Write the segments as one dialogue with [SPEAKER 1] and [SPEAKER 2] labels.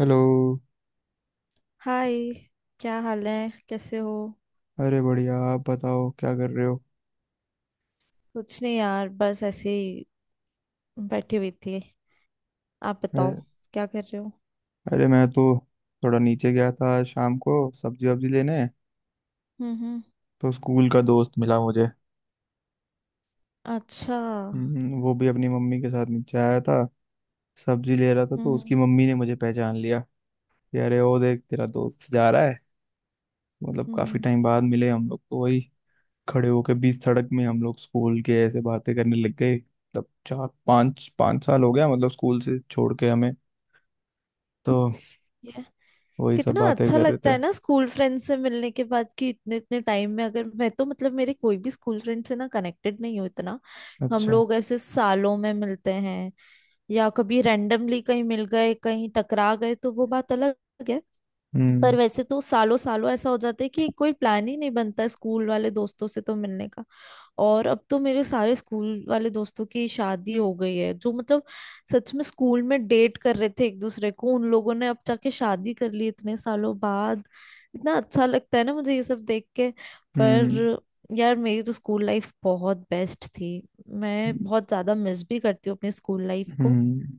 [SPEAKER 1] Hello.
[SPEAKER 2] Hi. क्या हाल है, कैसे हो?
[SPEAKER 1] अरे बढ़िया। आप बताओ क्या कर रहे हो।
[SPEAKER 2] कुछ नहीं यार, बस ऐसे ही बैठी हुई थी। आप बताओ,
[SPEAKER 1] अरे
[SPEAKER 2] क्या कर रहे हो?
[SPEAKER 1] अरे मैं तो थोड़ा नीचे गया था आज शाम को सब्जी वब्जी लेने।
[SPEAKER 2] हम्म।
[SPEAKER 1] तो स्कूल का दोस्त मिला मुझे।
[SPEAKER 2] अच्छा।
[SPEAKER 1] वो भी अपनी मम्मी के साथ नीचे आया था। सब्जी ले रहा था तो उसकी
[SPEAKER 2] हम्म।
[SPEAKER 1] मम्मी ने मुझे पहचान लिया कि अरे ओ देख तेरा दोस्त जा रहा है। मतलब काफी
[SPEAKER 2] हम्म।
[SPEAKER 1] टाइम बाद मिले हम लोग तो वही खड़े होके बीच सड़क में हम लोग स्कूल के ऐसे बातें करने लग गए। मतलब चार पाँच पाँच साल हो गया मतलब स्कूल से छोड़ के हमें। तो
[SPEAKER 2] ये
[SPEAKER 1] वही सब
[SPEAKER 2] कितना
[SPEAKER 1] बातें
[SPEAKER 2] अच्छा
[SPEAKER 1] कर रहे
[SPEAKER 2] लगता
[SPEAKER 1] थे।
[SPEAKER 2] है ना स्कूल फ्रेंड से मिलने के बाद कि इतने इतने टाइम में। अगर मैं तो, मतलब मेरे कोई भी स्कूल फ्रेंड से ना कनेक्टेड नहीं हूँ इतना। हम
[SPEAKER 1] अच्छा।
[SPEAKER 2] लोग ऐसे सालों में मिलते हैं, या कभी रैंडमली कहीं मिल गए, कहीं टकरा गए तो वो बात अलग है। पर
[SPEAKER 1] हम्म।
[SPEAKER 2] वैसे तो सालों सालों ऐसा हो जाता है कि कोई प्लान ही नहीं बनता है स्कूल वाले दोस्तों से तो मिलने का। और अब तो मेरे सारे स्कूल वाले दोस्तों की शादी हो गई है, जो मतलब सच में स्कूल में डेट कर रहे थे एक दूसरे को, उन लोगों ने अब जाके शादी कर ली इतने सालों बाद। इतना अच्छा लगता है ना मुझे ये सब देख के।
[SPEAKER 1] हम्म।
[SPEAKER 2] पर यार, मेरी तो स्कूल लाइफ बहुत बेस्ट थी। मैं बहुत ज्यादा मिस भी करती हूँ अपनी स्कूल लाइफ को,
[SPEAKER 1] हम्म।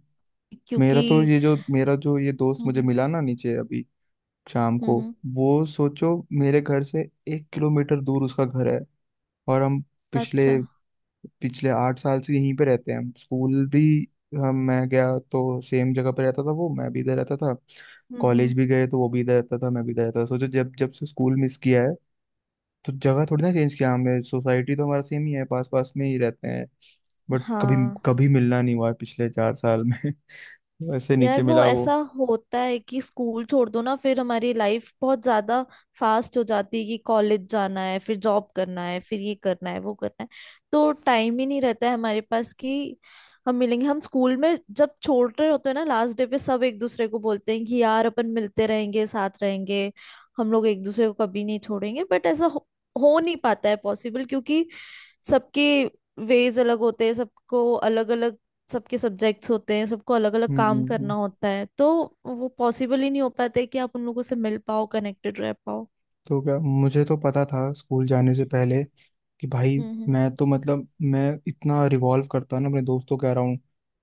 [SPEAKER 2] क्योंकि
[SPEAKER 1] मेरा तो ये जो मेरा जो ये दोस्त मुझे
[SPEAKER 2] हम्म।
[SPEAKER 1] मिला ना नीचे अभी शाम
[SPEAKER 2] हम्म।
[SPEAKER 1] को। वो सोचो मेरे घर से 1 किलोमीटर दूर उसका घर है। और हम पिछले
[SPEAKER 2] अच्छा।
[SPEAKER 1] पिछले 8 साल से यहीं पे रहते हैं। हम स्कूल भी, हम मैं गया तो सेम जगह पे रहता था वो, मैं भी इधर रहता था।
[SPEAKER 2] हम्म। हम्म।
[SPEAKER 1] कॉलेज भी गए तो वो भी इधर रहता था मैं भी इधर रहता था। सोचो जब जब से स्कूल मिस किया है तो जगह थोड़ी ना चेंज किया हमने। सोसाइटी तो हमारा सेम ही है, पास पास में ही रहते हैं। बट कभी
[SPEAKER 2] हाँ।
[SPEAKER 1] कभी मिलना नहीं हुआ है पिछले 4 साल में। वैसे
[SPEAKER 2] यार,
[SPEAKER 1] नीचे
[SPEAKER 2] वो
[SPEAKER 1] मिला
[SPEAKER 2] ऐसा
[SPEAKER 1] वो।
[SPEAKER 2] होता है कि स्कूल छोड़ दो ना, फिर हमारी लाइफ बहुत ज्यादा फास्ट हो जाती है कि कॉलेज जाना है, फिर जॉब करना है, फिर ये करना है, वो करना है। तो टाइम ही नहीं रहता है हमारे पास कि हम मिलेंगे। हम स्कूल में जब छोड़ रहे होते हैं ना लास्ट डे पे सब एक दूसरे को बोलते हैं कि यार अपन मिलते रहेंगे, साथ रहेंगे, हम लोग एक दूसरे को कभी नहीं छोड़ेंगे। बट ऐसा हो नहीं पाता है पॉसिबल, क्योंकि सबके वेज अलग होते हैं, सबको अलग अलग सबके सब्जेक्ट्स होते हैं, सबको अलग अलग
[SPEAKER 1] हम्म।
[SPEAKER 2] काम करना होता है। तो वो पॉसिबल ही नहीं हो पाता है कि आप उन लोगों से मिल पाओ, कनेक्टेड रह पाओ।
[SPEAKER 1] तो क्या मुझे तो पता था स्कूल जाने से पहले कि भाई
[SPEAKER 2] हम्म।
[SPEAKER 1] मैं तो मतलब मैं इतना रिवॉल्व करता ना अपने दोस्तों के अराउंड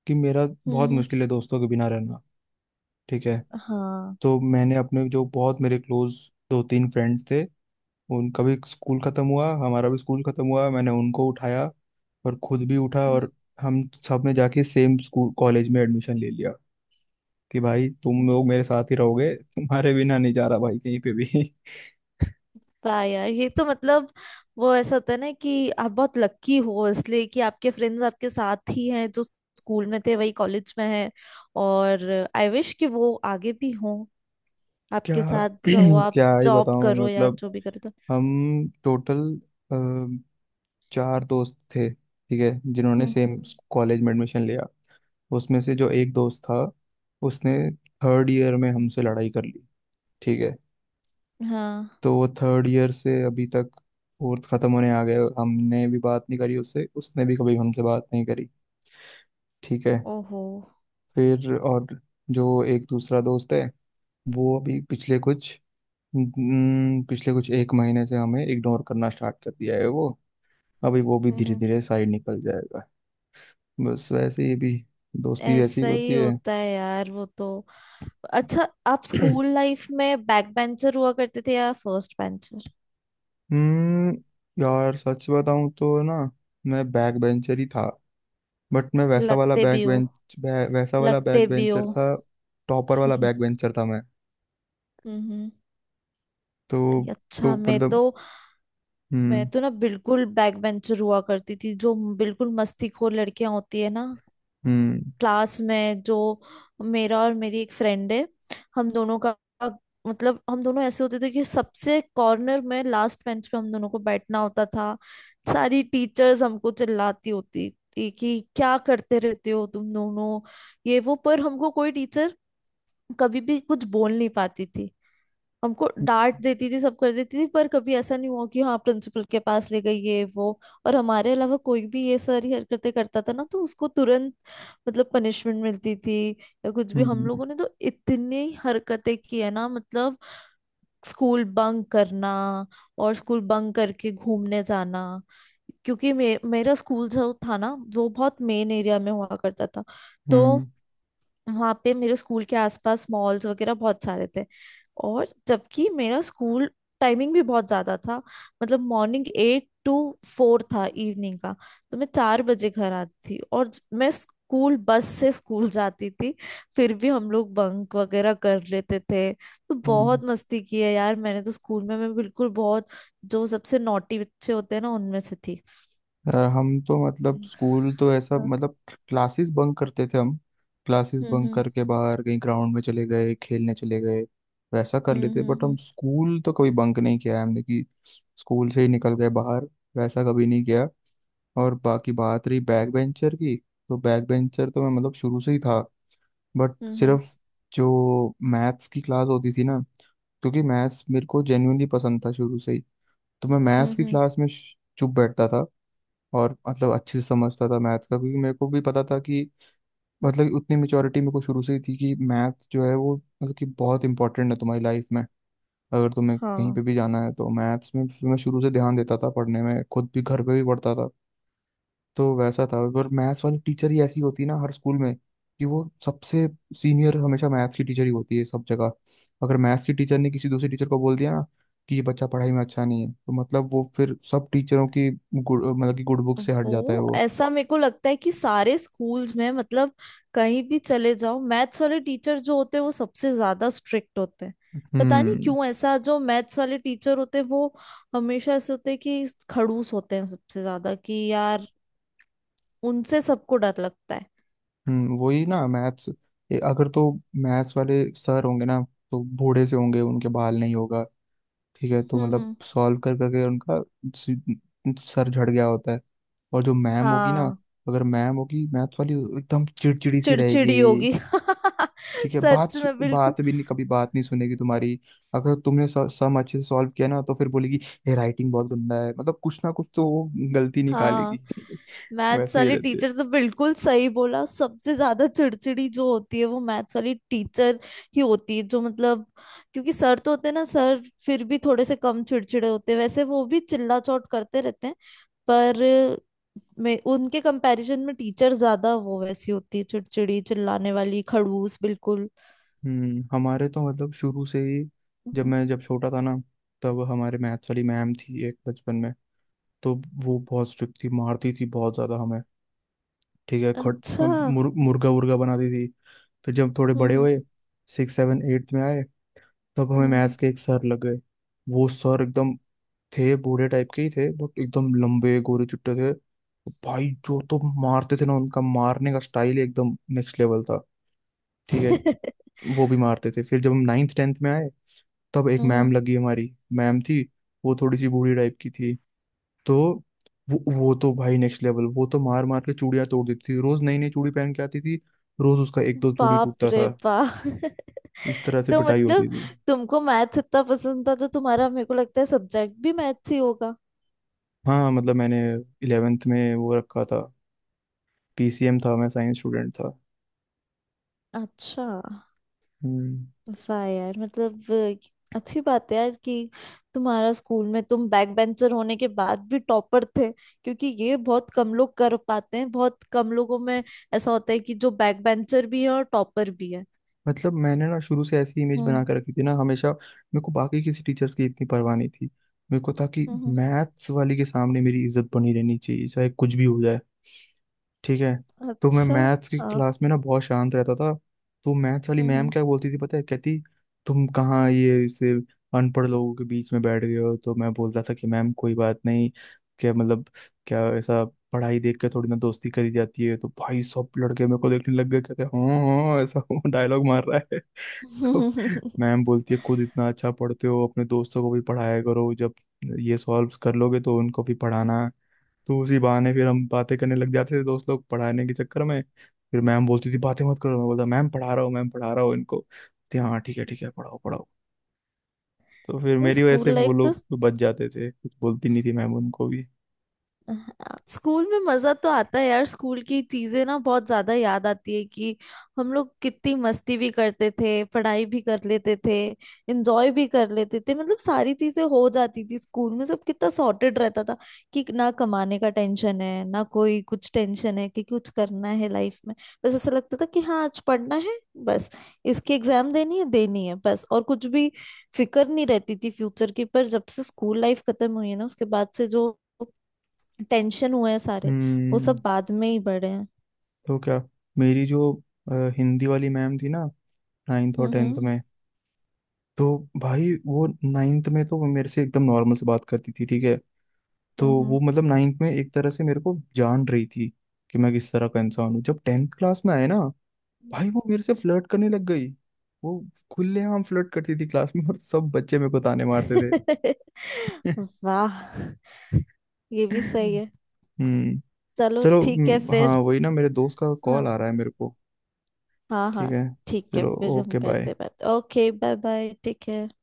[SPEAKER 1] कि मेरा
[SPEAKER 2] हम्म।
[SPEAKER 1] बहुत
[SPEAKER 2] हम्म।
[SPEAKER 1] मुश्किल है दोस्तों के बिना रहना। ठीक है।
[SPEAKER 2] हाँ।
[SPEAKER 1] तो मैंने अपने जो बहुत मेरे क्लोज दो तीन फ्रेंड्स थे, उनका भी स्कूल खत्म हुआ हमारा भी स्कूल खत्म हुआ, मैंने उनको उठाया और खुद भी उठा।
[SPEAKER 2] हम्म।
[SPEAKER 1] और हम सब ने जाके सेम स्कूल कॉलेज में एडमिशन ले लिया कि भाई तुम लोग मेरे साथ ही रहोगे, तुम्हारे बिना नहीं जा रहा भाई कहीं पे भी।
[SPEAKER 2] वाह यार, ये तो मतलब वो ऐसा होता है ना कि आप बहुत लक्की हो इसलिए कि आपके फ्रेंड्स आपके साथ ही हैं, जो स्कूल में थे वही कॉलेज में हैं। और आई विश कि वो आगे भी हों
[SPEAKER 1] क्या
[SPEAKER 2] आपके साथ, जो आप
[SPEAKER 1] क्या ही
[SPEAKER 2] जॉब
[SPEAKER 1] बताऊं मैं।
[SPEAKER 2] करो या
[SPEAKER 1] मतलब
[SPEAKER 2] जो भी करो। तो
[SPEAKER 1] हम टोटल 4 दोस्त थे, ठीक है, जिन्होंने
[SPEAKER 2] हम्म,
[SPEAKER 1] सेम कॉलेज में एडमिशन लिया। उसमें से जो एक दोस्त था उसने थर्ड ईयर में हमसे लड़ाई कर ली। ठीक है।
[SPEAKER 2] हाँ।
[SPEAKER 1] तो वो थर्ड ईयर से अभी तक, फोर्थ खत्म होने आ गए, हमने भी बात नहीं करी उससे उसने भी कभी हमसे बात नहीं करी। ठीक है।
[SPEAKER 2] ओहो।
[SPEAKER 1] फिर और जो एक दूसरा दोस्त है वो अभी पिछले कुछ, एक महीने से हमें इग्नोर करना स्टार्ट कर दिया है वो। अभी वो भी धीरे धीरे साइड निकल जाएगा। बस वैसे ही भी दोस्ती ऐसी ही
[SPEAKER 2] ऐसा ही
[SPEAKER 1] होती है।
[SPEAKER 2] होता है यार, वो तो। अच्छा, आप स्कूल लाइफ में बैक बेंचर हुआ करते थे या फर्स्ट बेंचर?
[SPEAKER 1] हम्म यार सच बताऊं तो ना, मैं बैक बेंचर ही था। बट मैं
[SPEAKER 2] लगते भी हो।
[SPEAKER 1] वैसा वाला
[SPEAKER 2] लगते
[SPEAKER 1] बैक
[SPEAKER 2] भी हो।
[SPEAKER 1] बेंचर था। टॉपर वाला बैक बेंचर था मैं।
[SPEAKER 2] हम्म।
[SPEAKER 1] तो
[SPEAKER 2] अच्छा,
[SPEAKER 1] तो मतलब।
[SPEAKER 2] मैं
[SPEAKER 1] हम्म
[SPEAKER 2] तो ना बिल्कुल बैक बेंचर हुआ करती थी, जो बिल्कुल मस्तीखोर लड़कियां होती है ना
[SPEAKER 1] हम्म।
[SPEAKER 2] क्लास में, जो। मेरा और मेरी एक फ्रेंड है, हम दोनों का, मतलब हम दोनों ऐसे होते थे कि सबसे कॉर्नर में लास्ट बेंच पे हम दोनों को बैठना होता था। सारी टीचर्स हमको चिल्लाती होती थी कि क्या करते रहते हो तुम दोनों, ये वो। पर हमको कोई टीचर कभी भी कुछ बोल नहीं पाती थी। हमको डांट देती थी, सब कर देती थी, पर कभी ऐसा नहीं हुआ कि हाँ प्रिंसिपल के पास ले गई ये वो। और हमारे अलावा कोई भी ये सारी हरकतें करता था ना, तो उसको तुरंत मतलब पनिशमेंट मिलती थी या कुछ भी। हम
[SPEAKER 1] हम्म।
[SPEAKER 2] लोगों ने तो इतनी हरकतें की है ना, मतलब स्कूल बंक करना, और स्कूल बंक करके घूमने जाना, क्योंकि मे, मेरा स्कूल जो था ना वो बहुत मेन एरिया में हुआ करता था। तो
[SPEAKER 1] हम्म,
[SPEAKER 2] वहां पे मेरे स्कूल के आसपास मॉल्स वगैरह बहुत सारे थे। और जबकि मेरा स्कूल टाइमिंग भी बहुत ज्यादा था, मतलब मॉर्निंग एट टू फोर था इवनिंग का। तो मैं चार बजे घर आती थी और ज- मैं स्कूल बस से स्कूल जाती थी। फिर भी हम लोग बंक वगैरह कर लेते थे। तो
[SPEAKER 1] हम्म।
[SPEAKER 2] बहुत मस्ती की है यार मैंने तो स्कूल में। मैं बिल्कुल बहुत जो सबसे नॉटी बच्चे होते हैं ना उनमें से थी।
[SPEAKER 1] यार हम तो मतलब स्कूल तो ऐसा,
[SPEAKER 2] हाँ।
[SPEAKER 1] मतलब क्लासेस बंक करते थे हम। क्लासेस
[SPEAKER 2] हम्म।
[SPEAKER 1] बंक
[SPEAKER 2] हम्म।
[SPEAKER 1] करके बाहर कहीं ग्राउंड में चले गए, खेलने चले गए, वैसा कर
[SPEAKER 2] हम्म।
[SPEAKER 1] लेते। बट हम
[SPEAKER 2] हम्म।
[SPEAKER 1] स्कूल तो कभी बंक नहीं किया है हमने कि स्कूल से ही निकल गए बाहर, वैसा कभी नहीं किया। और बाकी बात रही बैक बेंचर की, तो बैक बेंचर तो मैं मतलब शुरू से ही था। बट
[SPEAKER 2] हम्म। हम्म।
[SPEAKER 1] सिर्फ जो मैथ्स की क्लास होती थी ना, क्योंकि मैथ्स मेरे को जेन्युइनली पसंद था शुरू से ही, तो मैं मैथ्स
[SPEAKER 2] हम्म,
[SPEAKER 1] की
[SPEAKER 2] हम्म,
[SPEAKER 1] क्लास में चुप बैठता था। और मतलब अच्छे से समझता था मैथ्स का, क्योंकि मेरे को भी पता था कि मतलब उतनी मेच्योरिटी मेरे को शुरू से ही थी कि मैथ्स जो है वो मतलब कि बहुत इंपॉर्टेंट है तुम्हारी लाइफ में। अगर तुम्हें कहीं
[SPEAKER 2] हाँ।
[SPEAKER 1] पे भी जाना है तो मैथ्स में, फिर मैं शुरू से ध्यान देता था पढ़ने में, खुद भी घर पे भी पढ़ता था। तो वैसा था। और मैथ्स वाली टीचर ही ऐसी होती है ना हर स्कूल में कि वो सबसे सीनियर हमेशा मैथ्स की टीचर ही होती है सब जगह। अगर मैथ्स की टीचर ने किसी दूसरी टीचर को बोल दिया ना कि ये बच्चा पढ़ाई में अच्छा नहीं है, तो मतलब वो फिर सब टीचरों की गुड मतलब कि गुड बुक से हट जाता है
[SPEAKER 2] वो
[SPEAKER 1] वो।
[SPEAKER 2] ऐसा मेरे को लगता है कि सारे स्कूल्स में, मतलब कहीं भी चले जाओ, मैथ्स वाले टीचर जो होते हैं वो सबसे ज्यादा स्ट्रिक्ट होते हैं। पता नहीं
[SPEAKER 1] हम्म
[SPEAKER 2] क्यों ऐसा, जो मैथ्स वाले टीचर होते हैं वो हमेशा ऐसे होते हैं कि खड़ूस होते हैं सबसे ज्यादा कि यार उनसे सबको डर लगता है।
[SPEAKER 1] वही ना, मैथ्स, अगर तो मैथ्स वाले सर होंगे ना तो बूढ़े से होंगे, उनके बाल नहीं होगा। ठीक है, तो
[SPEAKER 2] हम्म।
[SPEAKER 1] मतलब
[SPEAKER 2] हम्म।
[SPEAKER 1] सॉल्व कर करके उनका सी- सर झड़ गया होता है। और जो मैम होगी ना,
[SPEAKER 2] हाँ,
[SPEAKER 1] अगर मैम होगी मैथ वाली, एकदम चिड़चिड़ी सी रहेगी।
[SPEAKER 2] चिड़चिड़ी होगी।
[SPEAKER 1] ठीक है,
[SPEAKER 2] सच में, बिल्कुल
[SPEAKER 1] बात भी नहीं, कभी बात नहीं सुनेगी तुम्हारी। अगर तुमने सम अच्छे से सॉल्व किया ना तो फिर बोलेगी ये राइटिंग बहुत गंदा है, मतलब कुछ ना कुछ तो वो गलती
[SPEAKER 2] हाँ।
[SPEAKER 1] निकालेगी।
[SPEAKER 2] मैथ्स
[SPEAKER 1] वैसे ही
[SPEAKER 2] वाली
[SPEAKER 1] रहते हैं।
[SPEAKER 2] टीचर तो, बिल्कुल सही बोला, सबसे ज्यादा चिड़चिड़ी जो होती है वो मैथ्स वाली टीचर ही होती है, जो मतलब क्योंकि सर तो होते हैं ना, सर फिर भी थोड़े से कम चिड़चिड़े होते हैं। वैसे वो भी चिल्ला चोट करते रहते हैं, पर मैं उनके कंपैरिजन में टीचर ज्यादा वो वैसी होती है, चिड़चिड़ी, चिल्लाने वाली, खड़ूस बिल्कुल।
[SPEAKER 1] हमारे तो मतलब शुरू से ही,
[SPEAKER 2] हम्म,
[SPEAKER 1] जब छोटा था ना, तब हमारे मैथ्स वाली मैम थी एक बचपन में। तो वो बहुत स्ट्रिक्ट थी, मारती थी बहुत ज्यादा हमें। ठीक है, खट,
[SPEAKER 2] अच्छा। हम्म।
[SPEAKER 1] मुर्गा वुर्गा बनाती थी। फिर जब थोड़े बड़े
[SPEAKER 2] हम्म।
[SPEAKER 1] हुए, सिक्स सेवन एट्थ में आए, तब हमें
[SPEAKER 2] हम्म।
[SPEAKER 1] मैथ्स के एक सर लग गए। वो सर एकदम थे बूढ़े टाइप के ही थे बट एकदम लंबे गोरे चुट्टे थे भाई। जो तो मारते थे ना, उनका मारने का स्टाइल एकदम नेक्स्ट लेवल था। ठीक है।
[SPEAKER 2] हम्म।
[SPEAKER 1] वो भी मारते थे। फिर जब हम नाइन्थ टेंथ में आए तब एक मैम
[SPEAKER 2] हम्म।
[SPEAKER 1] लगी हमारी। मैम थी, वो थोड़ी सी बूढ़ी टाइप की थी। तो वो तो भाई नेक्स्ट लेवल, वो तो मार मार के चूड़ियां तोड़ देती थी। रोज नई नई चूड़ी पहन के आती थी, रोज उसका एक दो चूड़ी
[SPEAKER 2] बाप
[SPEAKER 1] टूटता
[SPEAKER 2] रे
[SPEAKER 1] था।
[SPEAKER 2] बाप।
[SPEAKER 1] इस तरह से
[SPEAKER 2] तो
[SPEAKER 1] पिटाई
[SPEAKER 2] मतलब
[SPEAKER 1] होती थी।
[SPEAKER 2] तुमको मैथ्स इतना पसंद था तो तुम्हारा मेरे को लगता है सब्जेक्ट भी मैथ्स ही होगा।
[SPEAKER 1] हाँ मतलब मैंने इलेवेंथ में वो रखा था, पीसीएम था, मैं साइंस स्टूडेंट था।
[SPEAKER 2] अच्छा।
[SPEAKER 1] हम्म।
[SPEAKER 2] वाह यार, मतलब अ, अच्छी बात है यार, कि तुम्हारा स्कूल में तुम बैक बेंचर होने के बाद भी टॉपर थे। क्योंकि ये बहुत कम लोग कर पाते हैं, बहुत कम लोगों में ऐसा होता है कि जो बैक बेंचर भी है और टॉपर भी है।
[SPEAKER 1] मतलब मैंने ना शुरू से ऐसी इमेज बना
[SPEAKER 2] हम्म।
[SPEAKER 1] के रखी थी ना, हमेशा मेरे को बाकी किसी टीचर्स की इतनी परवाह नहीं थी। मेरे को था कि
[SPEAKER 2] हम्म।
[SPEAKER 1] मैथ्स वाली के सामने मेरी इज्जत बनी रहनी चाहिए चाहे कुछ भी हो जाए। ठीक है। तो मैं
[SPEAKER 2] अच्छा।
[SPEAKER 1] मैथ्स की
[SPEAKER 2] आ,
[SPEAKER 1] क्लास में ना बहुत शांत रहता था। तो मैथ्स वाली मैम
[SPEAKER 2] हम्म।
[SPEAKER 1] क्या बोलती थी पता है, कहती, तुम कहाँ ये इसे अनपढ़ लोगों के बीच में बैठ गए हो। तो मैं बोलता था कि मैम कोई बात नहीं, क्या मतलब क्या, ऐसा पढ़ाई देख के थोड़ी ना दोस्ती करी जाती है। तो भाई सब लड़के मेरे को देखने लग गए, कहते हाँ हाँ ऐसा डायलॉग मार रहा है। तो
[SPEAKER 2] हम्म।
[SPEAKER 1] मैम बोलती है खुद इतना अच्छा पढ़ते हो अपने दोस्तों को भी पढ़ाया करो, जब ये सॉल्व कर लोगे तो उनको भी पढ़ाना। तो उसी बहाने फिर हम बातें करने लग जाते थे, दोस्त लोग पढ़ाने के चक्कर में। फिर मैम बोलती थी बातें मत करो, मैं बोलता मैम पढ़ा रहा हूँ मैम पढ़ा रहा हूँ इनको, बोलती, हाँ ठीक है पढ़ाओ पढ़ाओ। तो फिर
[SPEAKER 2] ये
[SPEAKER 1] मेरी वजह
[SPEAKER 2] स्कूल
[SPEAKER 1] से फिर वो
[SPEAKER 2] लाइफ तो
[SPEAKER 1] लोग बच जाते थे, कुछ बोलती नहीं थी मैम उनको भी।
[SPEAKER 2] हाँ, स्कूल में मजा तो आता है यार। स्कूल की चीजें ना बहुत ज्यादा याद आती है कि हम लोग कितनी मस्ती भी करते थे, पढ़ाई भी कर लेते थे, एंजॉय भी कर लेते थे, मतलब सारी चीजें हो जाती थी स्कूल में। सब कितना सॉर्टेड रहता था कि ना कमाने का टेंशन है, ना कोई कुछ टेंशन है कि कुछ करना है लाइफ में। बस ऐसा लगता था कि हाँ आज पढ़ना है बस, इसकी एग्जाम देनी है, देनी है बस, और कुछ भी फिक्र नहीं रहती थी फ्यूचर की। पर जब से स्कूल लाइफ खत्म हुई है ना, उसके बाद से जो टेंशन हुए हैं सारे, वो
[SPEAKER 1] हम्म।
[SPEAKER 2] सब बाद में ही बढ़े हैं।
[SPEAKER 1] तो क्या, मेरी जो हिंदी वाली मैम थी ना नाइन्थ और टेंथ
[SPEAKER 2] हम्म।
[SPEAKER 1] में, तो भाई वो नाइन्थ में तो वो मेरे से एकदम नॉर्मल से बात करती थी। ठीक है। तो
[SPEAKER 2] हम्म।
[SPEAKER 1] वो मतलब नाइन्थ में एक तरह से मेरे को जान रही थी कि मैं किस तरह का इंसान हूँ। जब टेंथ क्लास में आए ना भाई वो मेरे से फ्लर्ट करने लग गई। वो खुलेआम फ्लर्ट करती थी क्लास में, और सब बच्चे मेरे को ताने मारते थे।
[SPEAKER 2] हम्म। वाह, ये भी सही है।
[SPEAKER 1] हम्म।
[SPEAKER 2] चलो
[SPEAKER 1] चलो
[SPEAKER 2] ठीक है
[SPEAKER 1] हाँ
[SPEAKER 2] फिर।
[SPEAKER 1] वही ना, मेरे दोस्त का कॉल आ
[SPEAKER 2] हाँ।
[SPEAKER 1] रहा है मेरे को।
[SPEAKER 2] हाँ
[SPEAKER 1] ठीक
[SPEAKER 2] हाँ।
[SPEAKER 1] है,
[SPEAKER 2] ठीक है,
[SPEAKER 1] चलो,
[SPEAKER 2] फिर हम
[SPEAKER 1] ओके
[SPEAKER 2] करते
[SPEAKER 1] बाय।
[SPEAKER 2] हैं बात। Okay, bye bye, take care.